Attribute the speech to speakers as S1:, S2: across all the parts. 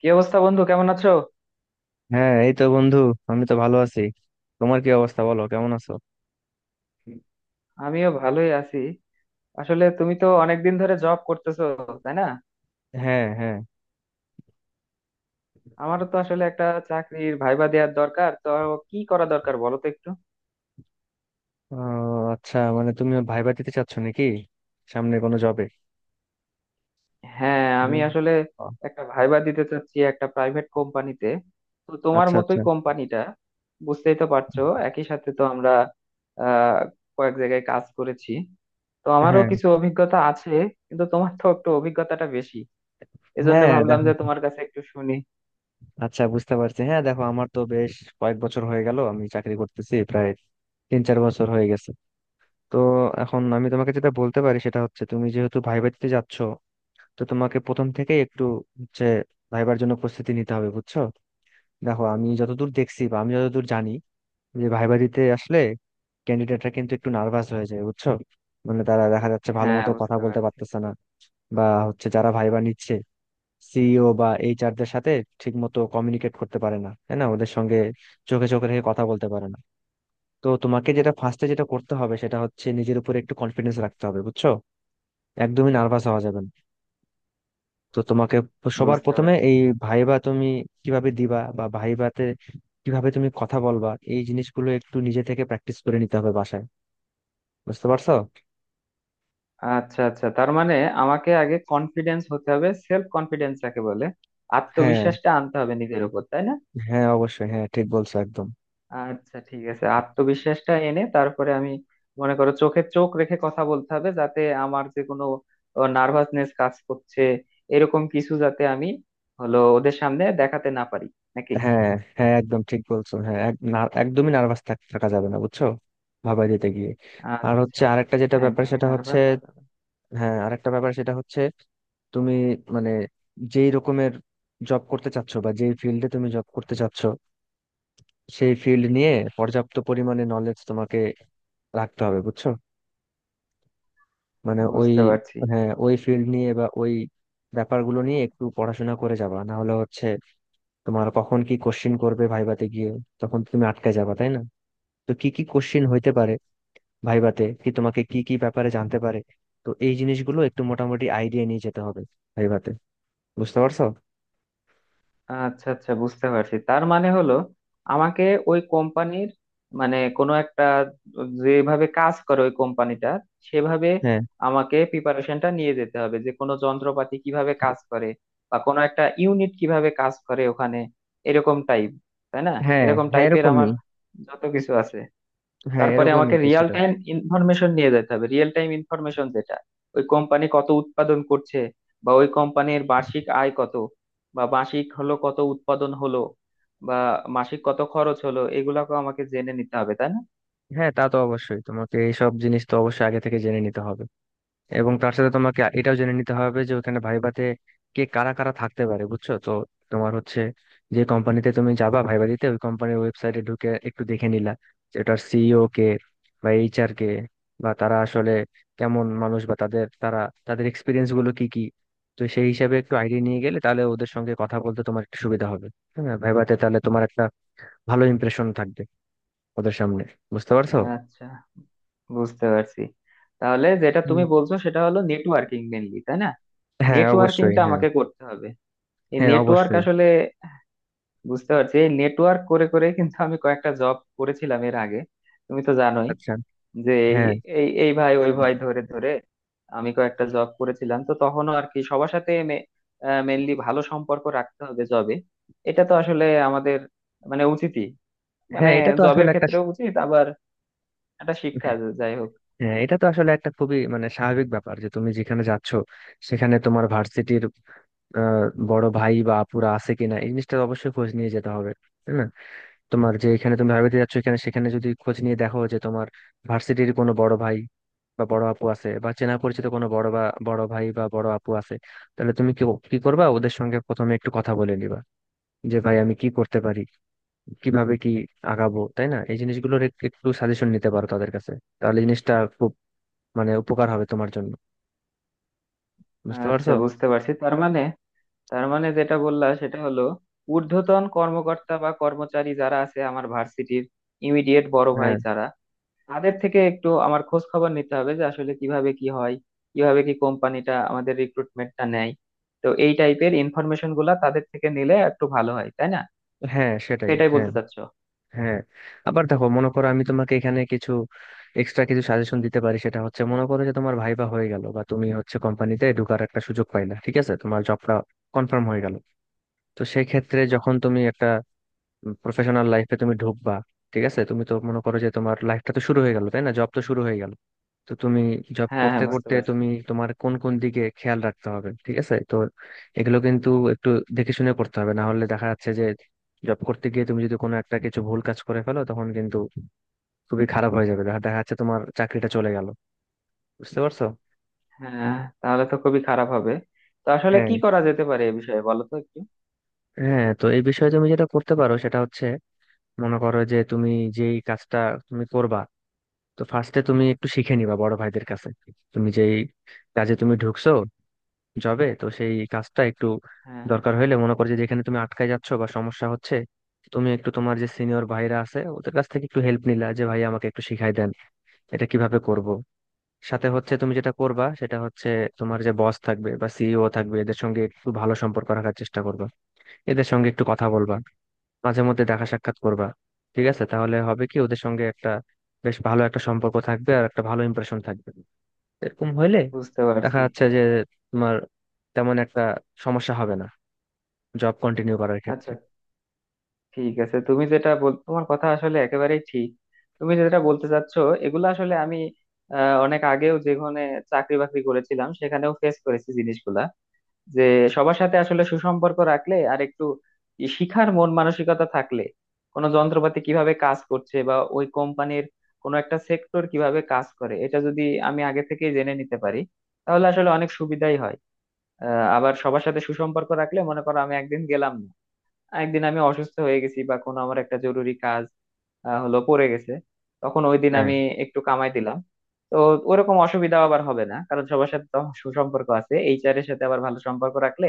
S1: কি অবস্থা বন্ধু? কেমন আছো?
S2: হ্যাঁ, এই তো বন্ধু। আমি তো ভালো আছি। তোমার কি অবস্থা, বলো, কেমন আছো?
S1: আমিও ভালোই আছি। আসলে তুমি তো অনেকদিন ধরে জব করতেছো, তাই না?
S2: হ্যাঁ হ্যাঁ
S1: আমারও তো আসলে একটা চাকরির ভাইবা দেওয়ার দরকার তো। কি করা দরকার বলো তো একটু।
S2: ও, আচ্ছা, মানে তুমি ভাইবা দিতে চাচ্ছ নাকি সামনে কোনো জবে?
S1: হ্যাঁ, আমি আসলে একটা ভাইবা দিতে চাচ্ছি একটা প্রাইভেট কোম্পানিতে। তো তোমার
S2: আচ্ছা আচ্ছা
S1: মতোই কোম্পানিটা, বুঝতেই তো পারছো। একই সাথে তো আমরা আহ কয়েক জায়গায় কাজ করেছি, তো আমারও
S2: হ্যাঁ
S1: কিছু অভিজ্ঞতা আছে। কিন্তু তোমার তো একটু অভিজ্ঞতাটা বেশি, এজন্য
S2: হ্যাঁ
S1: ভাবলাম
S2: দেখো,
S1: যে তোমার কাছে একটু শুনি।
S2: আচ্ছা, বুঝতে পারছি। হ্যাঁ, দেখো, আমার তো বেশ কয়েক বছর হয়ে গেল, আমি চাকরি করতেছি প্রায় তিন চার বছর হয়ে গেছে। তো এখন আমি তোমাকে যেটা বলতে পারি সেটা হচ্ছে তুমি যেহেতু ভাইবা দিতে যাচ্ছ, তো তোমাকে প্রথম থেকেই একটু হচ্ছে ভাইবার জন্য প্রস্তুতি নিতে হবে, বুঝছো? দেখো, আমি যতদূর দেখছি বা আমি যতদূর জানি যে ভাইবা দিতে আসলে ক্যান্ডিডেটরা কিন্তু একটু নার্ভাস হয়ে যায়, বুঝছো? মানে তারা দেখা যাচ্ছে ভালো
S1: হ্যাঁ,
S2: মতো কথা
S1: বুঝতে
S2: বলতে
S1: পারছি।
S2: পারতেছে না, বা হচ্ছে যারা ভাইবা নিচ্ছে সিইও বা এইচআর দের সাথে ঠিক মতো কমিউনিকেট করতে পারে না, তাই না, ওদের সঙ্গে চোখে চোখে রেখে কথা বলতে পারে না। তো তোমাকে যেটা ফার্স্টে যেটা করতে হবে সেটা হচ্ছে নিজের উপরে একটু কনফিডেন্স রাখতে হবে, বুঝছো? একদমই নার্ভাস হওয়া যাবে না। তো তোমাকে সবার
S1: বুঝতে
S2: প্রথমে
S1: পারছি।
S2: এই ভাইবা তুমি কিভাবে দিবা বা ভাইবাতে কিভাবে তুমি কথা বলবা, এই জিনিসগুলো একটু নিজে থেকে প্র্যাকটিস করে নিতে হবে বাসায়। বুঝতে পারছো?
S1: আচ্ছা আচ্ছা, তার মানে আমাকে আগে কনফিডেন্স হতে হবে, সেলফ কনফিডেন্স যাকে বলে,
S2: হ্যাঁ,
S1: আত্মবিশ্বাসটা আনতে হবে নিজের উপর, তাই না?
S2: হ্যাঁ অবশ্যই, হ্যাঁ, ঠিক বলছো একদম।
S1: আচ্ছা, ঠিক আছে, আত্মবিশ্বাসটা এনে তারপরে আমি মনে করো চোখে চোখ রেখে কথা বলতে হবে, যাতে আমার যে কোনো নার্ভাসনেস কাজ করছে এরকম কিছু যাতে আমি হলো ওদের সামনে দেখাতে না পারি, নাকি?
S2: হ্যাঁ, হ্যাঁ, একদম ঠিক বলছো। হ্যাঁ, একদমই নার্ভাস থাকা যাবে না, বুঝছো, ভাবাই দিতে গিয়ে। আর হচ্ছে
S1: আচ্ছা,
S2: আরেকটা যেটা ব্যাপার
S1: একদমই
S2: সেটা হচ্ছে,
S1: নার্ভাস হওয়া যাবে না।
S2: হ্যাঁ আরেকটা ব্যাপার সেটা হচ্ছে তুমি মানে যেই রকমের জব করতে চাচ্ছ বা যেই ফিল্ডে তুমি জব করতে চাচ্ছ, সেই ফিল্ড নিয়ে পর্যাপ্ত পরিমাণে নলেজ তোমাকে রাখতে হবে, বুঝছো? মানে ওই,
S1: বুঝতে পারছি।
S2: হ্যাঁ ওই ফিল্ড নিয়ে বা ওই ব্যাপারগুলো নিয়ে একটু পড়াশোনা করে যাবা, না হলে হচ্ছে তোমার কখন কি কোশ্চিন করবে ভাইভাতে গিয়ে, তখন তো তুমি আটকে যাবা, তাই না? তো কি কি কোশ্চিন হইতে পারে ভাইভাতে, কি তোমাকে কি কি ব্যাপারে জানতে পারে, তো এই জিনিসগুলো একটু মোটামুটি আইডিয়া নিয়ে যেতে হবে ভাইভাতে। বুঝতে পারছো?
S1: আচ্ছা আচ্ছা, বুঝতে পারছি, তার মানে হলো আমাকে ওই কোম্পানির মানে কোনো একটা, যেভাবে কাজ করে ওই কোম্পানিটা সেভাবে
S2: হ্যাঁ
S1: আমাকে প্রিপারেশনটা নিয়ে যেতে হবে, যে কোনো যন্ত্রপাতি কিভাবে কাজ করে বা কোনো একটা ইউনিট কিভাবে কাজ করে ওখানে, এরকম টাইপ, তাই না?
S2: হ্যাঁ
S1: এরকম
S2: হ্যাঁ
S1: টাইপের আমার
S2: এরকমই,
S1: যত কিছু আছে।
S2: হ্যাঁ
S1: তারপরে
S2: এরকমই
S1: আমাকে রিয়েল
S2: কিছুটা।
S1: টাইম ইনফরমেশন নিয়ে যেতে হবে, রিয়েল টাইম ইনফরমেশন, যেটা ওই কোম্পানি কত উৎপাদন করছে বা ওই কোম্পানির বার্ষিক আয় কত বা মাসিক হলো কত উৎপাদন হলো বা মাসিক কত খরচ হলো, এগুলাকে আমাকে জেনে নিতে হবে, তাই না?
S2: হ্যাঁ, তা তো অবশ্যই, তোমাকে এইসব জিনিস তো অবশ্যই আগে থেকে জেনে নিতে হবে। এবং তার সাথে তোমাকে এটাও জেনে নিতে হবে যে ওখানে ভাইভাতে কে কারা কারা থাকতে পারে, বুঝছো তো। তোমার হচ্ছে যে কোম্পানিতে তুমি যাবা ভাইভা দিতে, ওই কোম্পানির ওয়েবসাইটে ঢুকে একটু দেখে নিলা যে ওটার সিইও কে বা এইচআর কে, বা তারা আসলে কেমন মানুষ বা তাদের এক্সপিরিয়েন্স গুলো কি কি। তো সেই হিসাবে একটু আইডিয়া নিয়ে গেলে তাহলে ওদের সঙ্গে কথা বলতে তোমার একটু সুবিধা হবে। হ্যাঁ, ভাইভাতে তাহলে তোমার একটা ভালো ইমপ্রেশন থাকবে ওদের সামনে। বুঝতে পারছো?
S1: আচ্ছা, বুঝতে পারছি। তাহলে যেটা তুমি
S2: হুম।
S1: বলছো সেটা হলো নেটওয়ার্কিং মেনলি, তাই না?
S2: হ্যাঁ অবশ্যই।
S1: নেটওয়ার্কিংটা
S2: হ্যাঁ,
S1: আমাকে করতে হবে, এই
S2: হ্যাঁ
S1: নেটওয়ার্ক
S2: অবশ্যই।
S1: আসলে বুঝতে পারছি। এই নেটওয়ার্ক করে করে কিন্তু আমি কয়েকটা জব করেছিলাম এর আগে, তুমি তো জানোই,
S2: আচ্ছা।
S1: যে এই
S2: হ্যাঁ।
S1: এই এই ভাই ওই ভাই ধরে ধরে আমি কয়েকটা জব করেছিলাম। তো তখনও আর কি সবার সাথে মেনলি ভালো সম্পর্ক রাখতে হবে জবে, এটা তো আসলে আমাদের মানে উচিতই, মানে
S2: হ্যাঁ, এটা তো
S1: জবের
S2: আসলে একটা,
S1: ক্ষেত্রেও উচিত, আবার একটা শিক্ষা যাই হোক।
S2: হ্যাঁ এটা তো আসলে একটা খুবই মানে স্বাভাবিক ব্যাপার যে তুমি যেখানে যাচ্ছ সেখানে তোমার ভার্সিটির বড় ভাই বা আপুরা আছে কিনা এই জিনিসটা অবশ্যই খোঁজ নিয়ে যেতে হবে, তাই না? তোমার যে এখানে তুমি ভার্সিটি যাচ্ছ এখানে সেখানে যদি খোঁজ নিয়ে দেখো যে তোমার ভার্সিটির কোনো বড় ভাই বা বড় আপু আছে, বা চেনা পরিচিত কোনো বড় বা বড় ভাই বা বড় আপু আছে, তাহলে তুমি কি কি করবা, ওদের সঙ্গে প্রথমে একটু কথা বলে নিবা যে ভাই আমি কি করতে পারি, কিভাবে কি আগাবো, তাই না, এই জিনিসগুলোর একটু সাজেশন নিতে পারো তাদের কাছে। তাহলে জিনিসটা খুব মানে উপকার হবে তোমার জন্য। বুঝতে
S1: আচ্ছা,
S2: পারছো?
S1: বুঝতে পারছি। তার মানে যেটা বললা সেটা হলো ঊর্ধ্বতন কর্মকর্তা বা কর্মচারী যারা আছে আমার ভার্সিটির ইমিডিয়েট বড় ভাই
S2: হ্যাঁ,
S1: যারা, তাদের থেকে একটু আমার খোঁজ খবর নিতে হবে, যে আসলে কিভাবে কি হয়, কিভাবে কি কোম্পানিটা আমাদের রিক্রুটমেন্টটা নেয়। তো এই টাইপের ইনফরমেশন গুলা তাদের থেকে নিলে একটু ভালো হয়, তাই না?
S2: হ্যাঁ সেটাই,
S1: সেটাই
S2: হ্যাঁ।
S1: বলতে চাচ্ছো।
S2: হ্যাঁ, আবার দেখো, মনে করো আমি তোমাকে এখানে কিছু এক্সট্রা কিছু সাজেশন দিতে পারি, সেটা হচ্ছে মনে করো যে তোমার ভাইবা হয়ে গেল বা তুমি হচ্ছে কোম্পানিতে ঢোকার একটা সুযোগ পাইলা, ঠিক আছে, তোমার জবটা কনফার্ম হয়ে গেল। তো সেই ক্ষেত্রে যখন তুমি একটা প্রফেশনাল লাইফে তুমি ঢুকবা, ঠিক আছে, তুমি তো মনে করো যে তোমার লাইফটা তো শুরু হয়ে গেল, তাই না, জব তো শুরু হয়ে গেল। তো তুমি জব
S1: হ্যাঁ
S2: করতে
S1: হ্যাঁ, বুঝতে
S2: করতে
S1: পারছি।
S2: তুমি তোমার কোন কোন দিকে খেয়াল রাখতে হবে, ঠিক আছে তো। এগুলো কিন্তু একটু দেখে শুনে করতে হবে, না হলে দেখা যাচ্ছে যে জব করতে গিয়ে তুমি যদি কোনো একটা কিছু ভুল কাজ করে ফেলো তখন কিন্তু খুবই খারাপ হয়ে যাবে, দেখা দেখা যাচ্ছে তোমার চাকরিটা চলে গেল। বুঝতে পারছো?
S1: হ্যাঁ, তাহলে তো খুবই খারাপ হবে। তো আসলে
S2: হ্যাঁ।
S1: কি করা যেতে পারে এ বিষয়ে বলো তো একটু।
S2: হ্যাঁ, তো এই বিষয়ে তুমি যেটা করতে পারো সেটা হচ্ছে মনে করো যে তুমি যেই কাজটা তুমি করবা, তো ফার্স্টে তুমি একটু শিখে নিবা বড় ভাইদের কাছে। তুমি যেই কাজে তুমি ঢুকছো যাবে, তো সেই কাজটা একটু,
S1: হ্যাঁ হ্যাঁ,
S2: দরকার হইলে মনে করো যে যেখানে তুমি আটকায় যাচ্ছ বা সমস্যা হচ্ছে, তুমি একটু তোমার যে সিনিয়র ভাইরা আছে ওদের কাছ থেকে একটু হেল্প নিলা, যে ভাই আমাকে একটু শিখাই দেন এটা কিভাবে করব। সাথে হচ্ছে তুমি যেটা করবা সেটা হচ্ছে তোমার যে বস থাকবে বা সিইও থাকবে এদের সঙ্গে একটু ভালো সম্পর্ক রাখার চেষ্টা করবা, এদের সঙ্গে একটু কথা বলবা, মাঝে মধ্যে দেখা সাক্ষাৎ করবা, ঠিক আছে। তাহলে হবে কি, ওদের সঙ্গে একটা বেশ ভালো একটা সম্পর্ক থাকবে আর একটা ভালো ইমপ্রেশন থাকবে। এরকম হইলে
S1: বুঝতে
S2: দেখা
S1: পারছি।
S2: যাচ্ছে যে তোমার তেমন একটা সমস্যা হবে না জব কন্টিনিউ করার ক্ষেত্রে।
S1: আচ্ছা ঠিক আছে, তুমি যেটা বল তোমার কথা আসলে একেবারেই ঠিক। তুমি যেটা বলতে চাচ্ছো, এগুলো আসলে আমি অনেক আগেও যেখানে চাকরি বাকরি করেছিলাম সেখানেও ফেস করেছি জিনিসগুলা, যে সবার সাথে আসলে সুসম্পর্ক রাখলে আর একটু ই শিখার মন মানসিকতা থাকলে কোনো যন্ত্রপাতি কিভাবে কাজ করছে বা ওই কোম্পানির কোনো একটা সেক্টর কিভাবে কাজ করে এটা যদি আমি আগে থেকেই জেনে নিতে পারি তাহলে আসলে অনেক সুবিধাই হয়। আবার সবার সাথে সুসম্পর্ক রাখলে মনে করো আমি একদিন গেলাম না, একদিন আমি অসুস্থ হয়ে গেছি বা কোনো আমার একটা জরুরি কাজ হলো পড়ে গেছে, তখন ওই দিন
S2: হ্যাঁ,
S1: আমি একটু কামাই দিলাম। তো ওরকম অসুবিধা আবার হবে না, কারণ সবার সাথে তো আমার সুসম্পর্ক আছে, এইচআর এর সাথে আবার ভালো সম্পর্ক রাখলে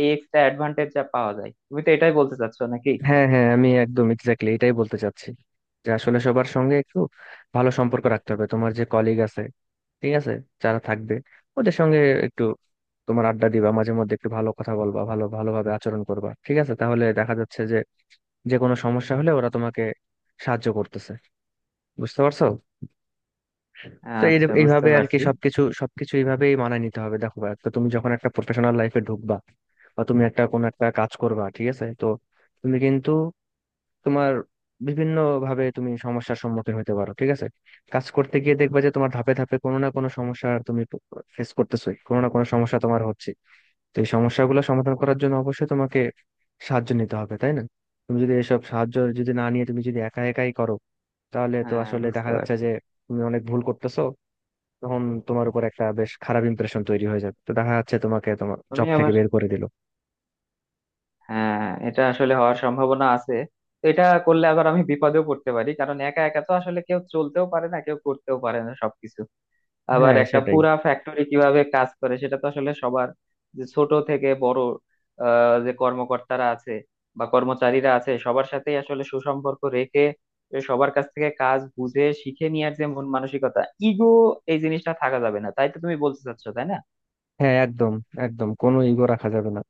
S1: এই এক্সট্রা অ্যাডভান্টেজ যা পাওয়া যায়, তুমি তো এটাই বলতে চাচ্ছ নাকি?
S2: হ্যাঁ হ্যাঁ আমি একদম এক্স্যাক্টলি এটাই বলতে চাচ্ছি যে আসলে সবার সঙ্গে একটু ভালো সম্পর্ক রাখতে হবে, তোমার যে কলিগ আছে, ঠিক আছে, যারা থাকবে ওদের সঙ্গে একটু তোমার আড্ডা দিবা, মাঝে মধ্যে একটু ভালো কথা বলবা, ভালো ভালোভাবে আচরণ করবা, ঠিক আছে। তাহলে দেখা যাচ্ছে যে যে কোনো সমস্যা হলে ওরা তোমাকে সাহায্য করতেছে। বুঝতে পারছো? তো এই
S1: আচ্ছা, বুঝতে
S2: এইভাবে আর কি,
S1: পারছি।
S2: সবকিছু সবকিছু এইভাবেই মানায় নিতে হবে। দেখো ভাই, তো তুমি যখন একটা প্রফেশনাল লাইফে ঢুকবা বা তুমি একটা কোনো একটা কাজ করবা, ঠিক আছে তো। তুমি কিন্তু তোমার বিভিন্ন ভাবে তুমি সমস্যার সম্মুখীন হতে পারো, ঠিক আছে। কাজ করতে গিয়ে দেখবা যে তোমার ধাপে ধাপে কোনো না কোনো সমস্যা তুমি ফেস করতেছোই, কোনো না কোনো সমস্যা তোমার হচ্ছে। তো এই সমস্যাগুলো সমাধান করার জন্য অবশ্যই তোমাকে সাহায্য নিতে হবে, তাই না? তুমি যদি এসব সাহায্য যদি না নিয়ে তুমি যদি একা একাই করো, তাহলে তো
S1: হ্যাঁ,
S2: আসলে
S1: বুঝতে
S2: দেখা যাচ্ছে
S1: পারছি।
S2: যে তুমি অনেক ভুল করতেছো। তখন তোমার উপর একটা বেশ খারাপ ইমপ্রেশন তৈরি হয়ে যাবে, তো দেখা যাচ্ছে তোমাকে তোমার
S1: আমি
S2: জব থেকে
S1: আবার,
S2: বের করে দিল।
S1: হ্যাঁ, এটা আসলে হওয়ার সম্ভাবনা আছে। তো এটা করলে আবার আমি বিপদেও পড়তে পারি, কারণ একা একা তো আসলে কেউ চলতেও পারে না, কেউ করতেও পারে না সবকিছু। আবার
S2: হ্যাঁ
S1: একটা
S2: সেটাই।
S1: পুরা ফ্যাক্টরি কিভাবে কাজ করে সেটা তো আসলে সবার, যে ছোট থেকে বড় যে কর্মকর্তারা আছে বা কর্মচারীরা আছে সবার সাথেই আসলে সুসম্পর্ক রেখে এ সবার কাছ থেকে কাজ বুঝে শিখে নেওয়ার যে মন মানসিকতা, ইগো এই জিনিসটা থাকা যাবে না, তাই তো তুমি বলতে চাচ্ছো, তাই না?
S2: হ্যাঁ একদম, একদম কোনো ইগো রাখা যাবে না।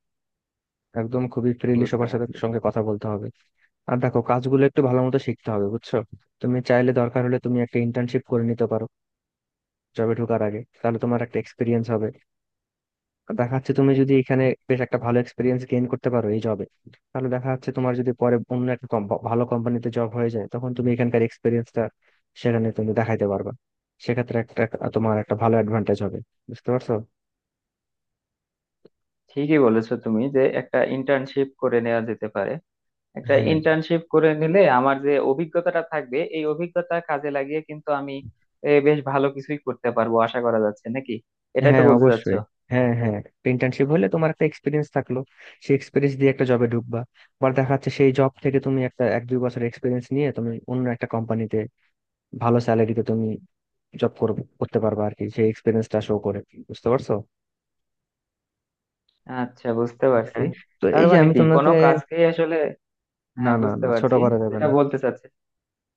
S2: একদম খুবই ফ্রিলি
S1: বুঝতে
S2: সবার সাথে
S1: পারছি।
S2: সঙ্গে কথা বলতে হবে। আর দেখো, কাজগুলো একটু ভালো মতো শিখতে হবে, বুঝছো। তুমি চাইলে দরকার হলে তুমি একটা ইন্টার্নশিপ করে নিতে পারো জবে ঢোকার আগে, তাহলে তোমার একটা এক্সপিরিয়েন্স হবে। দেখা যাচ্ছে তুমি যদি এখানে বেশ একটা ভালো এক্সপিরিয়েন্স গেইন করতে পারো এই জবে, তাহলে দেখা যাচ্ছে তোমার যদি পরে অন্য একটা ভালো কোম্পানিতে জব হয়ে যায়, তখন তুমি এখানকার এক্সপিরিয়েন্সটা সেখানে তুমি দেখাইতে পারবা। সেক্ষেত্রে একটা, তোমার একটা ভালো অ্যাডভান্টেজ হবে। বুঝতে পারছো?
S1: ঠিকই বলেছো তুমি, যে একটা ইন্টার্নশিপ করে নেওয়া যেতে পারে। একটা
S2: হ্যাঁ
S1: ইন্টার্নশিপ করে নিলে আমার যে অভিজ্ঞতাটা থাকবে, এই অভিজ্ঞতা কাজে লাগিয়ে কিন্তু আমি বেশ ভালো কিছুই করতে পারবো, আশা করা যাচ্ছে নাকি? এটাই তো
S2: হ্যাঁ
S1: বলতে চাচ্ছো।
S2: অবশ্যই। হ্যাঁ হ্যাঁ ইন্টার্নশিপ হলে তোমার একটা এক্সপিরিয়েন্স থাকলো, সেই এক্সপিরিয়েন্স দিয়ে একটা জবে ঢুকবা। আবার দেখা যাচ্ছে সেই জব থেকে তুমি একটা এক দুই বছর এক্সপিরিয়েন্স নিয়ে তুমি অন্য একটা কোম্পানিতে ভালো স্যালারিতে তুমি জব করতে পারবা আর কি, সেই এক্সপিরিয়েন্সটা শো করে। বুঝতে পারছো?
S1: আচ্ছা, বুঝতে পারছি।
S2: হ্যাঁ। তো
S1: তার
S2: এই যে
S1: মানে
S2: আমি
S1: কি কোনো
S2: তোমাকে,
S1: কাজকেই আসলে,
S2: না
S1: হ্যাঁ
S2: না
S1: বুঝতে
S2: না, ছোট
S1: পারছি,
S2: করা যাবে
S1: যেটা
S2: না।
S1: বলতে চাচ্ছি,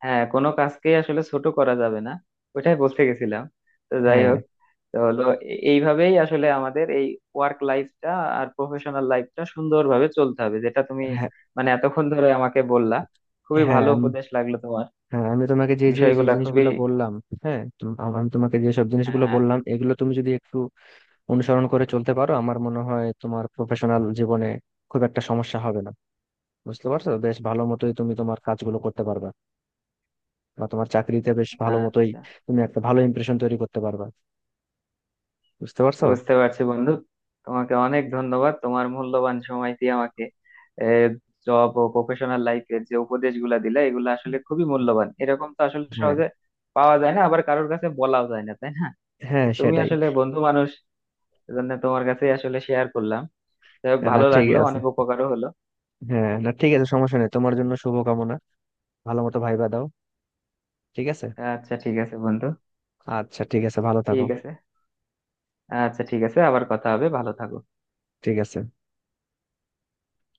S1: হ্যাঁ কোনো কাজকেই আসলে ছোট করা যাবে না, ওইটাই বলতে গেছিলাম। তো যাই
S2: হ্যাঁ
S1: হোক, তো হলো এইভাবেই আসলে আমাদের এই ওয়ার্ক লাইফটা আর প্রফেশনাল লাইফটা সুন্দরভাবে চলতে হবে, যেটা তুমি
S2: হ্যাঁ
S1: মানে এতক্ষণ ধরে আমাকে বললা। খুবই
S2: হ্যাঁ
S1: ভালো
S2: আমি
S1: উপদেশ লাগলো তোমার,
S2: হ্যাঁ, আমি তোমাকে যে যে যে
S1: বিষয়গুলা খুবই
S2: জিনিসগুলো বললাম, হ্যাঁ আমি তোমাকে যে সব জিনিসগুলো
S1: হ্যাঁ
S2: বললাম এগুলো তুমি যদি একটু অনুসরণ করে চলতে পারো, আমার মনে হয় তোমার প্রফেশনাল জীবনে খুব একটা সমস্যা হবে না। বুঝতে পারছো, বেশ ভালো মতোই তুমি তোমার কাজগুলো করতে পারবা, বা তোমার চাকরিতে বেশ ভালো মতোই
S1: আচ্ছা,
S2: তুমি একটা ভালো ইমপ্রেশন তৈরি করতে পারবা। বুঝতে পারছো?
S1: বুঝতে পারছি বন্ধু। তোমাকে অনেক ধন্যবাদ, তোমার মূল্যবান সময় দিয়ে আমাকে জব ও প্রফেশনাল লাইফের যে উপদেশগুলা দিলে, এগুলো আসলে খুবই মূল্যবান, এরকম তো আসলে
S2: হ্যাঁ,
S1: সহজে পাওয়া যায় না, আবার কারোর কাছে বলাও যায় না, তাই না?
S2: হ্যাঁ
S1: তো তুমি
S2: সেটাই।
S1: আসলে বন্ধু মানুষ, এজন্য তোমার কাছে আসলে শেয়ার করলাম। যাই হোক,
S2: না
S1: ভালো
S2: ঠিক
S1: লাগলো,
S2: আছে,
S1: অনেক উপকারও হলো।
S2: হ্যাঁ না ঠিক আছে, সমস্যা নেই। তোমার জন্য শুভকামনা, ভালো মতো ভাইবা দাও, ঠিক আছে?
S1: আচ্ছা ঠিক আছে বন্ধু।
S2: আচ্ছা, ঠিক আছে, ভালো থাকো।
S1: ঠিক আছে। আচ্ছা ঠিক আছে, আবার কথা হবে, ভালো থাকো।
S2: ঠিক আছে।